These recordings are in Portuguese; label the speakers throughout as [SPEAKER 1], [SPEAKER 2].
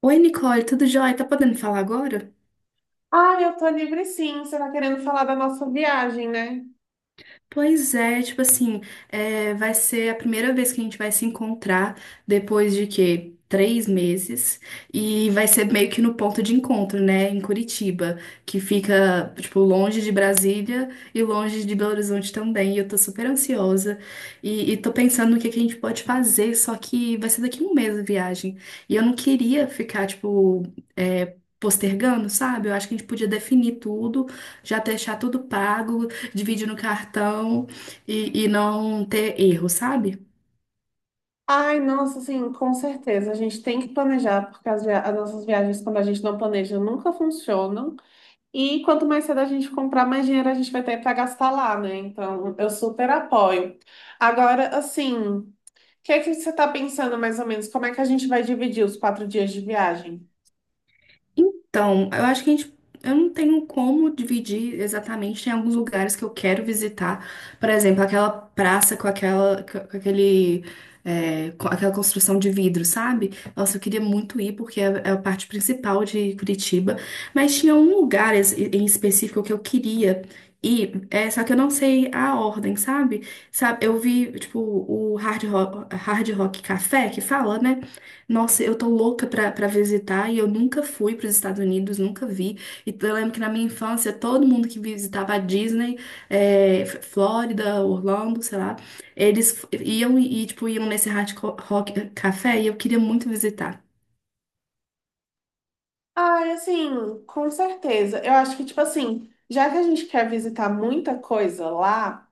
[SPEAKER 1] Oi, Nicole, tudo jóia? Tá podendo falar agora?
[SPEAKER 2] Ah, eu tô livre sim. Você tá querendo falar da nossa viagem, né?
[SPEAKER 1] Pois é, tipo assim, vai ser a primeira vez que a gente vai se encontrar depois de quê? 3 meses. E vai ser meio que no ponto de encontro, né? Em Curitiba, que fica, tipo, longe de Brasília e longe de Belo Horizonte também. E eu tô super ansiosa. E tô pensando no que a gente pode fazer, só que vai ser daqui a 1 mês a viagem. E eu não queria ficar, tipo, postergando, sabe? Eu acho que a gente podia definir tudo, já deixar tudo pago, divide no cartão e não ter erro, sabe?
[SPEAKER 2] Ai, nossa, sim, com certeza. A gente tem que planejar, porque as nossas viagens, quando a gente não planeja, nunca funcionam. E quanto mais cedo a gente comprar, mais dinheiro a gente vai ter para gastar lá, né? Então, eu super apoio. Agora, assim, o que é que você tá pensando mais ou menos? Como é que a gente vai dividir os 4 dias de viagem?
[SPEAKER 1] Então, eu acho que a gente, eu não tenho como dividir exatamente. Tem alguns lugares que eu quero visitar, por exemplo, aquela praça com aquela, com aquela construção de vidro, sabe? Nossa, eu queria muito ir porque é a parte principal de Curitiba. Mas tinha um lugar em específico que eu queria ir, só que eu não sei a ordem, sabe? Sabe, eu vi tipo o Hard Rock Café que fala, né? Nossa, eu tô louca pra visitar e eu nunca fui pros Estados Unidos, nunca vi. E eu lembro que na minha infância todo mundo que visitava a Disney, Flórida, Orlando, sei lá, eles iam e, tipo, iam nesse Hard Rock Café e eu queria muito visitar.
[SPEAKER 2] Ah, assim, com certeza. Eu acho que, tipo assim, já que a gente quer visitar muita coisa lá,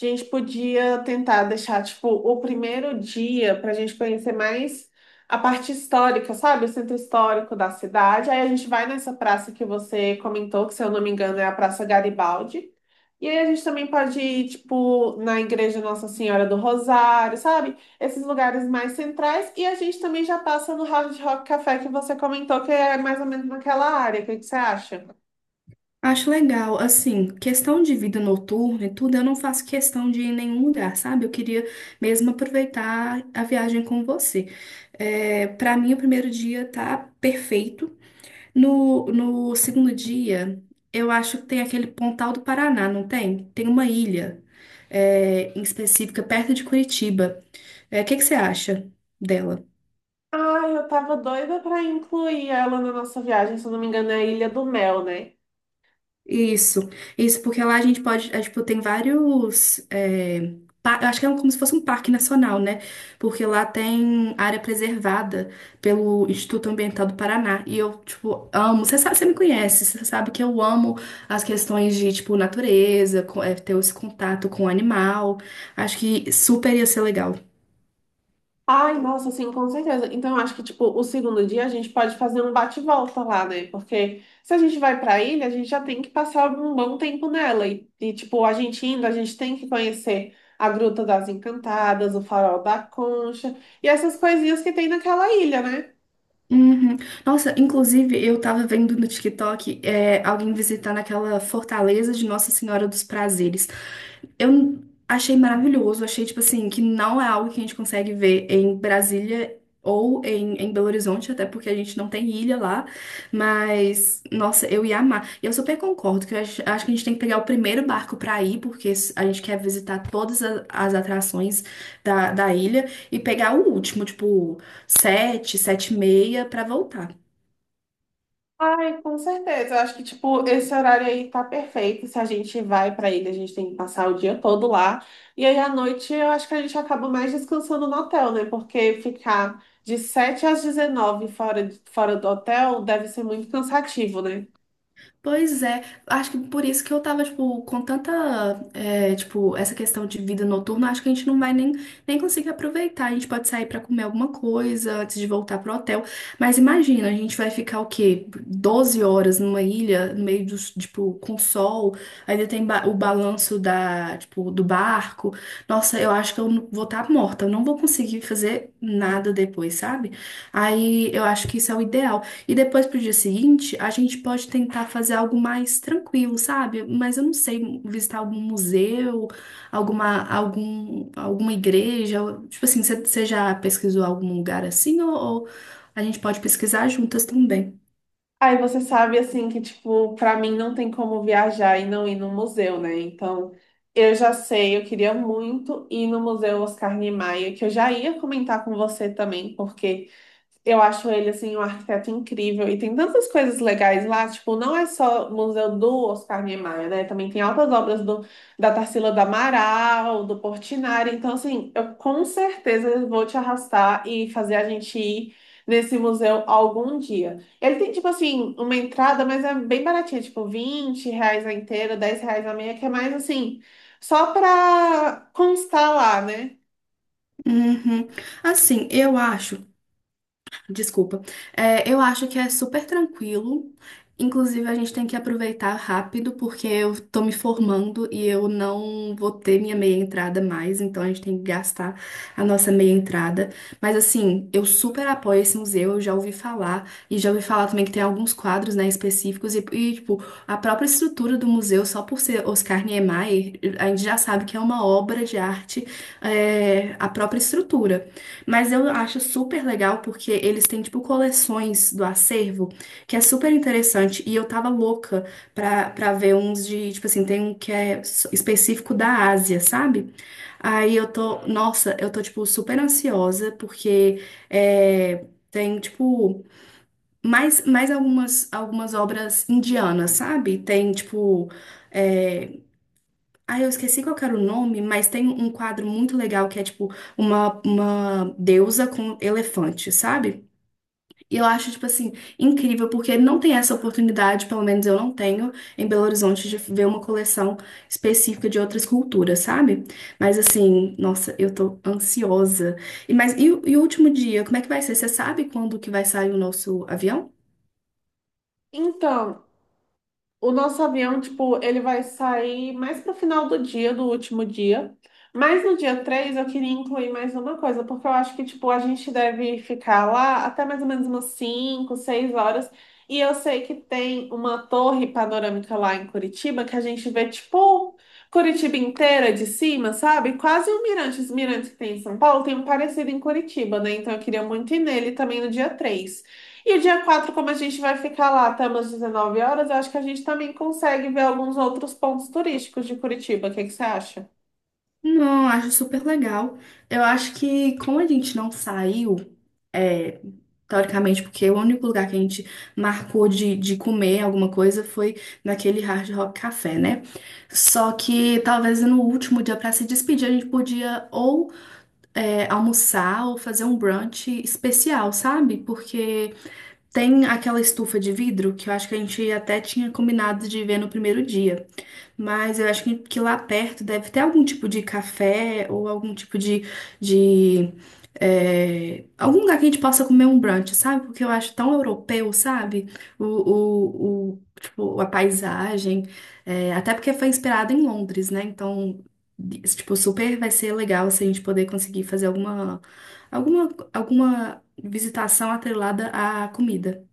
[SPEAKER 2] a gente podia tentar deixar, tipo, o primeiro dia para a gente conhecer mais a parte histórica, sabe? O centro histórico da cidade. Aí a gente vai nessa praça que você comentou, que se eu não me engano é a Praça Garibaldi. E aí a gente também pode ir, tipo, na Igreja Nossa Senhora do Rosário, sabe? Esses lugares mais centrais. E a gente também já passa no Hard Rock Café que você comentou, que é mais ou menos naquela área. O que que você acha?
[SPEAKER 1] Acho legal, assim, questão de vida noturna e tudo, eu não faço questão de ir em nenhum lugar, sabe? Eu queria mesmo aproveitar a viagem com você. É, para mim, o primeiro dia tá perfeito. No segundo dia, eu acho que tem aquele Pontal do Paraná, não tem? Tem uma ilha, em específica, perto de Curitiba. É, o que que você acha dela?
[SPEAKER 2] Ai, eu tava doida pra incluir ela na nossa viagem, se eu não me engano, é a Ilha do Mel, né?
[SPEAKER 1] Isso, isso, porque lá a gente pode, tipo, tem vários, eu acho que como se fosse um parque nacional, né? Porque lá tem área preservada pelo Instituto Ambiental do Paraná, e eu, tipo, amo, você sabe, você me conhece, você sabe que eu amo as questões de, tipo, natureza, ter esse contato com o animal, acho que super ia ser legal.
[SPEAKER 2] Ai, nossa, sim, com certeza. Então, eu acho que, tipo, o segundo dia a gente pode fazer um bate-volta lá, né? Porque se a gente vai pra ilha, a gente já tem que passar um bom tempo nela. E, tipo, a gente indo, a gente tem que conhecer a Gruta das Encantadas, o Farol da Concha e essas coisinhas que tem naquela ilha, né?
[SPEAKER 1] Uhum. Nossa, inclusive eu tava vendo no TikTok, alguém visitando aquela fortaleza de Nossa Senhora dos Prazeres. Eu achei maravilhoso, achei, tipo assim, que não é algo que a gente consegue ver em Brasília ou em Belo Horizonte, até porque a gente não tem ilha lá, mas, nossa, eu ia amar. E eu super concordo que eu acho que a gente tem que pegar o primeiro barco pra ir, porque a gente quer visitar todas as atrações da ilha, e pegar o último, tipo, 7:30, pra voltar.
[SPEAKER 2] Ai, com certeza. Eu acho que, tipo, esse horário aí tá perfeito. Se a gente vai pra ilha, a gente tem que passar o dia todo lá. E aí, à noite, eu acho que a gente acaba mais descansando no hotel, né? Porque ficar de 7 às 19 fora do hotel deve ser muito cansativo, né?
[SPEAKER 1] Pois é, acho que por isso que eu tava, tipo, com tanta, tipo, essa questão de vida noturna, acho que a gente não vai nem conseguir aproveitar. A gente pode sair pra comer alguma coisa antes de voltar pro hotel. Mas imagina, a gente vai ficar o quê? 12 horas numa ilha, no meio dos, tipo, com sol, ainda tem o balanço da, tipo, do barco. Nossa, eu acho que eu não- vou estar morta, eu não vou conseguir fazer nada depois, sabe? Aí eu acho que isso é o ideal. E depois pro dia seguinte, a gente pode tentar fazer algo mais tranquilo, sabe? Mas eu não sei, visitar algum museu, alguma igreja. Tipo assim, você já pesquisou algum lugar assim? Ou a gente pode pesquisar juntas também?
[SPEAKER 2] Aí você sabe assim que tipo, pra mim não tem como viajar e não ir no museu, né? Então, eu já sei, eu queria muito ir no Museu Oscar Niemeyer, que eu já ia comentar com você também, porque eu acho ele assim um arquiteto incrível e tem tantas coisas legais lá, tipo, não é só o Museu do Oscar Niemeyer, né? Também tem altas obras do da Tarsila do Amaral, do Portinari. Então, assim, eu com certeza vou te arrastar e fazer a gente ir nesse museu algum dia. Ele tem, tipo assim, uma entrada, mas é bem baratinha, tipo R$ 20 a inteira, R$ 10 a meia, que é mais assim, só pra constar lá, né?
[SPEAKER 1] Uhum. Assim, eu acho. Desculpa. Eu acho que é super tranquilo. Inclusive, a gente tem que aproveitar rápido, porque eu tô me formando e eu não vou ter minha meia entrada mais, então a gente tem que gastar a nossa meia entrada. Mas assim, eu super apoio esse museu, eu já ouvi falar, e já ouvi falar também que tem alguns quadros, né, específicos, e, tipo, a própria estrutura do museu, só por ser Oscar Niemeyer, a gente já sabe que é uma obra de arte, a própria estrutura. Mas eu acho super legal porque eles têm, tipo, coleções do acervo, que é super interessante. E eu tava louca pra ver uns de, tipo assim, tem um que é específico da Ásia, sabe? Aí eu tô, nossa, eu tô, tipo, super ansiosa porque tem, tipo, mais algumas obras indianas, sabe? Tem, tipo. é, eu esqueci qual que era o nome, mas tem um quadro muito legal que é tipo uma deusa com elefante, sabe? E eu acho, tipo assim, incrível, porque não tem essa oportunidade, pelo menos eu não tenho, em Belo Horizonte, de ver uma coleção específica de outras culturas, sabe? Mas assim, nossa, eu tô ansiosa. E o último dia, como é que vai ser? Você sabe quando que vai sair o nosso avião?
[SPEAKER 2] Então, o nosso avião, tipo, ele vai sair mais pro final do dia, do último dia. Mas no dia 3 eu queria incluir mais uma coisa, porque eu acho que, tipo, a gente deve ficar lá até mais ou menos umas 5 6 horas. E eu sei que tem uma torre panorâmica lá em Curitiba que a gente vê, tipo, Curitiba inteira de cima, sabe? Quase um mirante. Os mirantes que tem em São Paulo tem um parecido em Curitiba, né? Então eu queria muito ir nele também no dia 3, e o dia 4, como a gente vai ficar lá até umas 19 horas, eu acho que a gente também consegue ver alguns outros pontos turísticos de Curitiba. O que que você acha?
[SPEAKER 1] Não, acho super legal. Eu acho que como a gente não saiu. é, Teoricamente, porque o único lugar que a gente marcou de comer alguma coisa foi naquele Hard Rock Café, né? Só que talvez no último dia para se despedir a gente podia ou almoçar ou fazer um brunch especial, sabe? Porque tem aquela estufa de vidro que eu acho que a gente até tinha combinado de ver no primeiro dia. Mas eu acho que lá perto deve ter algum tipo de café ou algum tipo de algum lugar que a gente possa comer um brunch, sabe? Porque eu acho tão europeu, sabe? Tipo, a paisagem, até porque foi inspirado em Londres, né? Então, tipo, super vai ser legal se a gente poder conseguir fazer alguma visitação atrelada à comida.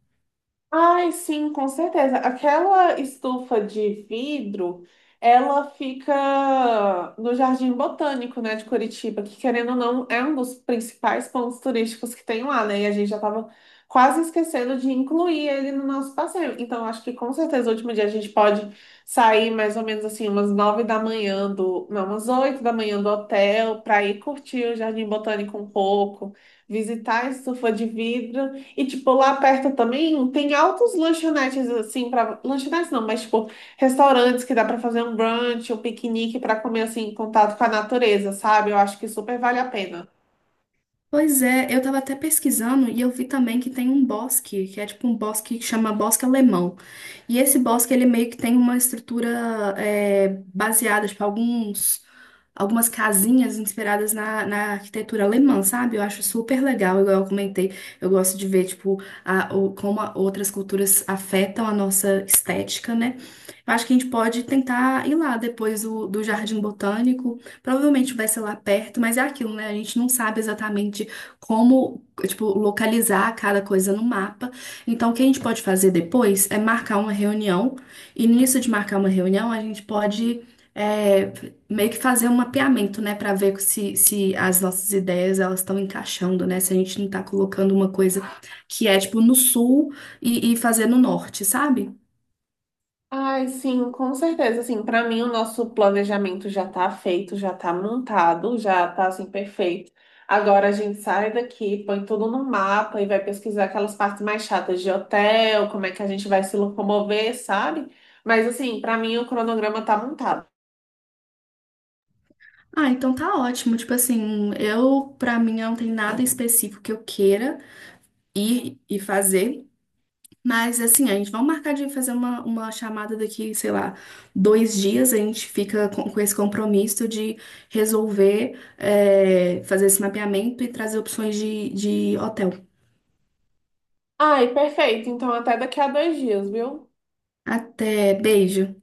[SPEAKER 2] Ai, sim, com certeza. Aquela estufa de vidro, ela fica no Jardim Botânico, né, de Curitiba, que querendo ou não, é um dos principais pontos turísticos que tem lá, né? E a gente já estava quase esquecendo de incluir ele no nosso passeio. Então, acho que com certeza o último dia a gente pode sair mais ou menos assim, umas 9 da manhã do, não, umas 8 da manhã do hotel, para ir curtir o Jardim Botânico um pouco, visitar a estufa de vidro. E, tipo, lá perto também tem altos lanchonetes, assim, para lanchonetes não, mas, tipo, restaurantes que dá para fazer um brunch, um piquenique para comer, assim, em contato com a natureza, sabe? Eu acho que super vale a pena.
[SPEAKER 1] Pois é, eu tava até pesquisando e eu vi também que tem um bosque, que é tipo um bosque que chama bosque alemão. E esse bosque, ele meio que tem uma estrutura, é, baseada, tipo, alguns algumas casinhas inspiradas na arquitetura alemã, sabe? Eu acho super legal, igual eu comentei. Eu gosto de ver, tipo, como outras culturas afetam a nossa estética, né? Eu acho que a gente pode tentar ir lá depois do Jardim Botânico. Provavelmente vai ser lá perto, mas é aquilo, né? A gente não sabe exatamente como, tipo, localizar cada coisa no mapa. Então, o que a gente pode fazer depois é marcar uma reunião. E nisso de marcar uma reunião, a gente pode, é, meio que fazer um mapeamento, né, para ver se as nossas ideias elas estão encaixando, né? Se a gente não tá colocando uma coisa que é tipo no sul e fazer no norte, sabe?
[SPEAKER 2] Ai, sim, com certeza. Assim, para mim, o nosso planejamento já tá feito, já tá montado, já tá, assim, perfeito. Agora a gente sai daqui, põe tudo no mapa e vai pesquisar aquelas partes mais chatas de hotel, como é que a gente vai se locomover, sabe? Mas, assim, para mim, o cronograma tá montado.
[SPEAKER 1] Ah, então tá ótimo. Tipo assim, eu pra mim não tem nada específico que eu queira ir e fazer. Mas assim, a gente vai marcar de fazer uma chamada daqui, sei lá, 2 dias, a gente fica com esse compromisso de resolver, fazer esse mapeamento e trazer opções de hotel.
[SPEAKER 2] Ai, perfeito. Então, até daqui a 2 dias, viu?
[SPEAKER 1] Até, beijo.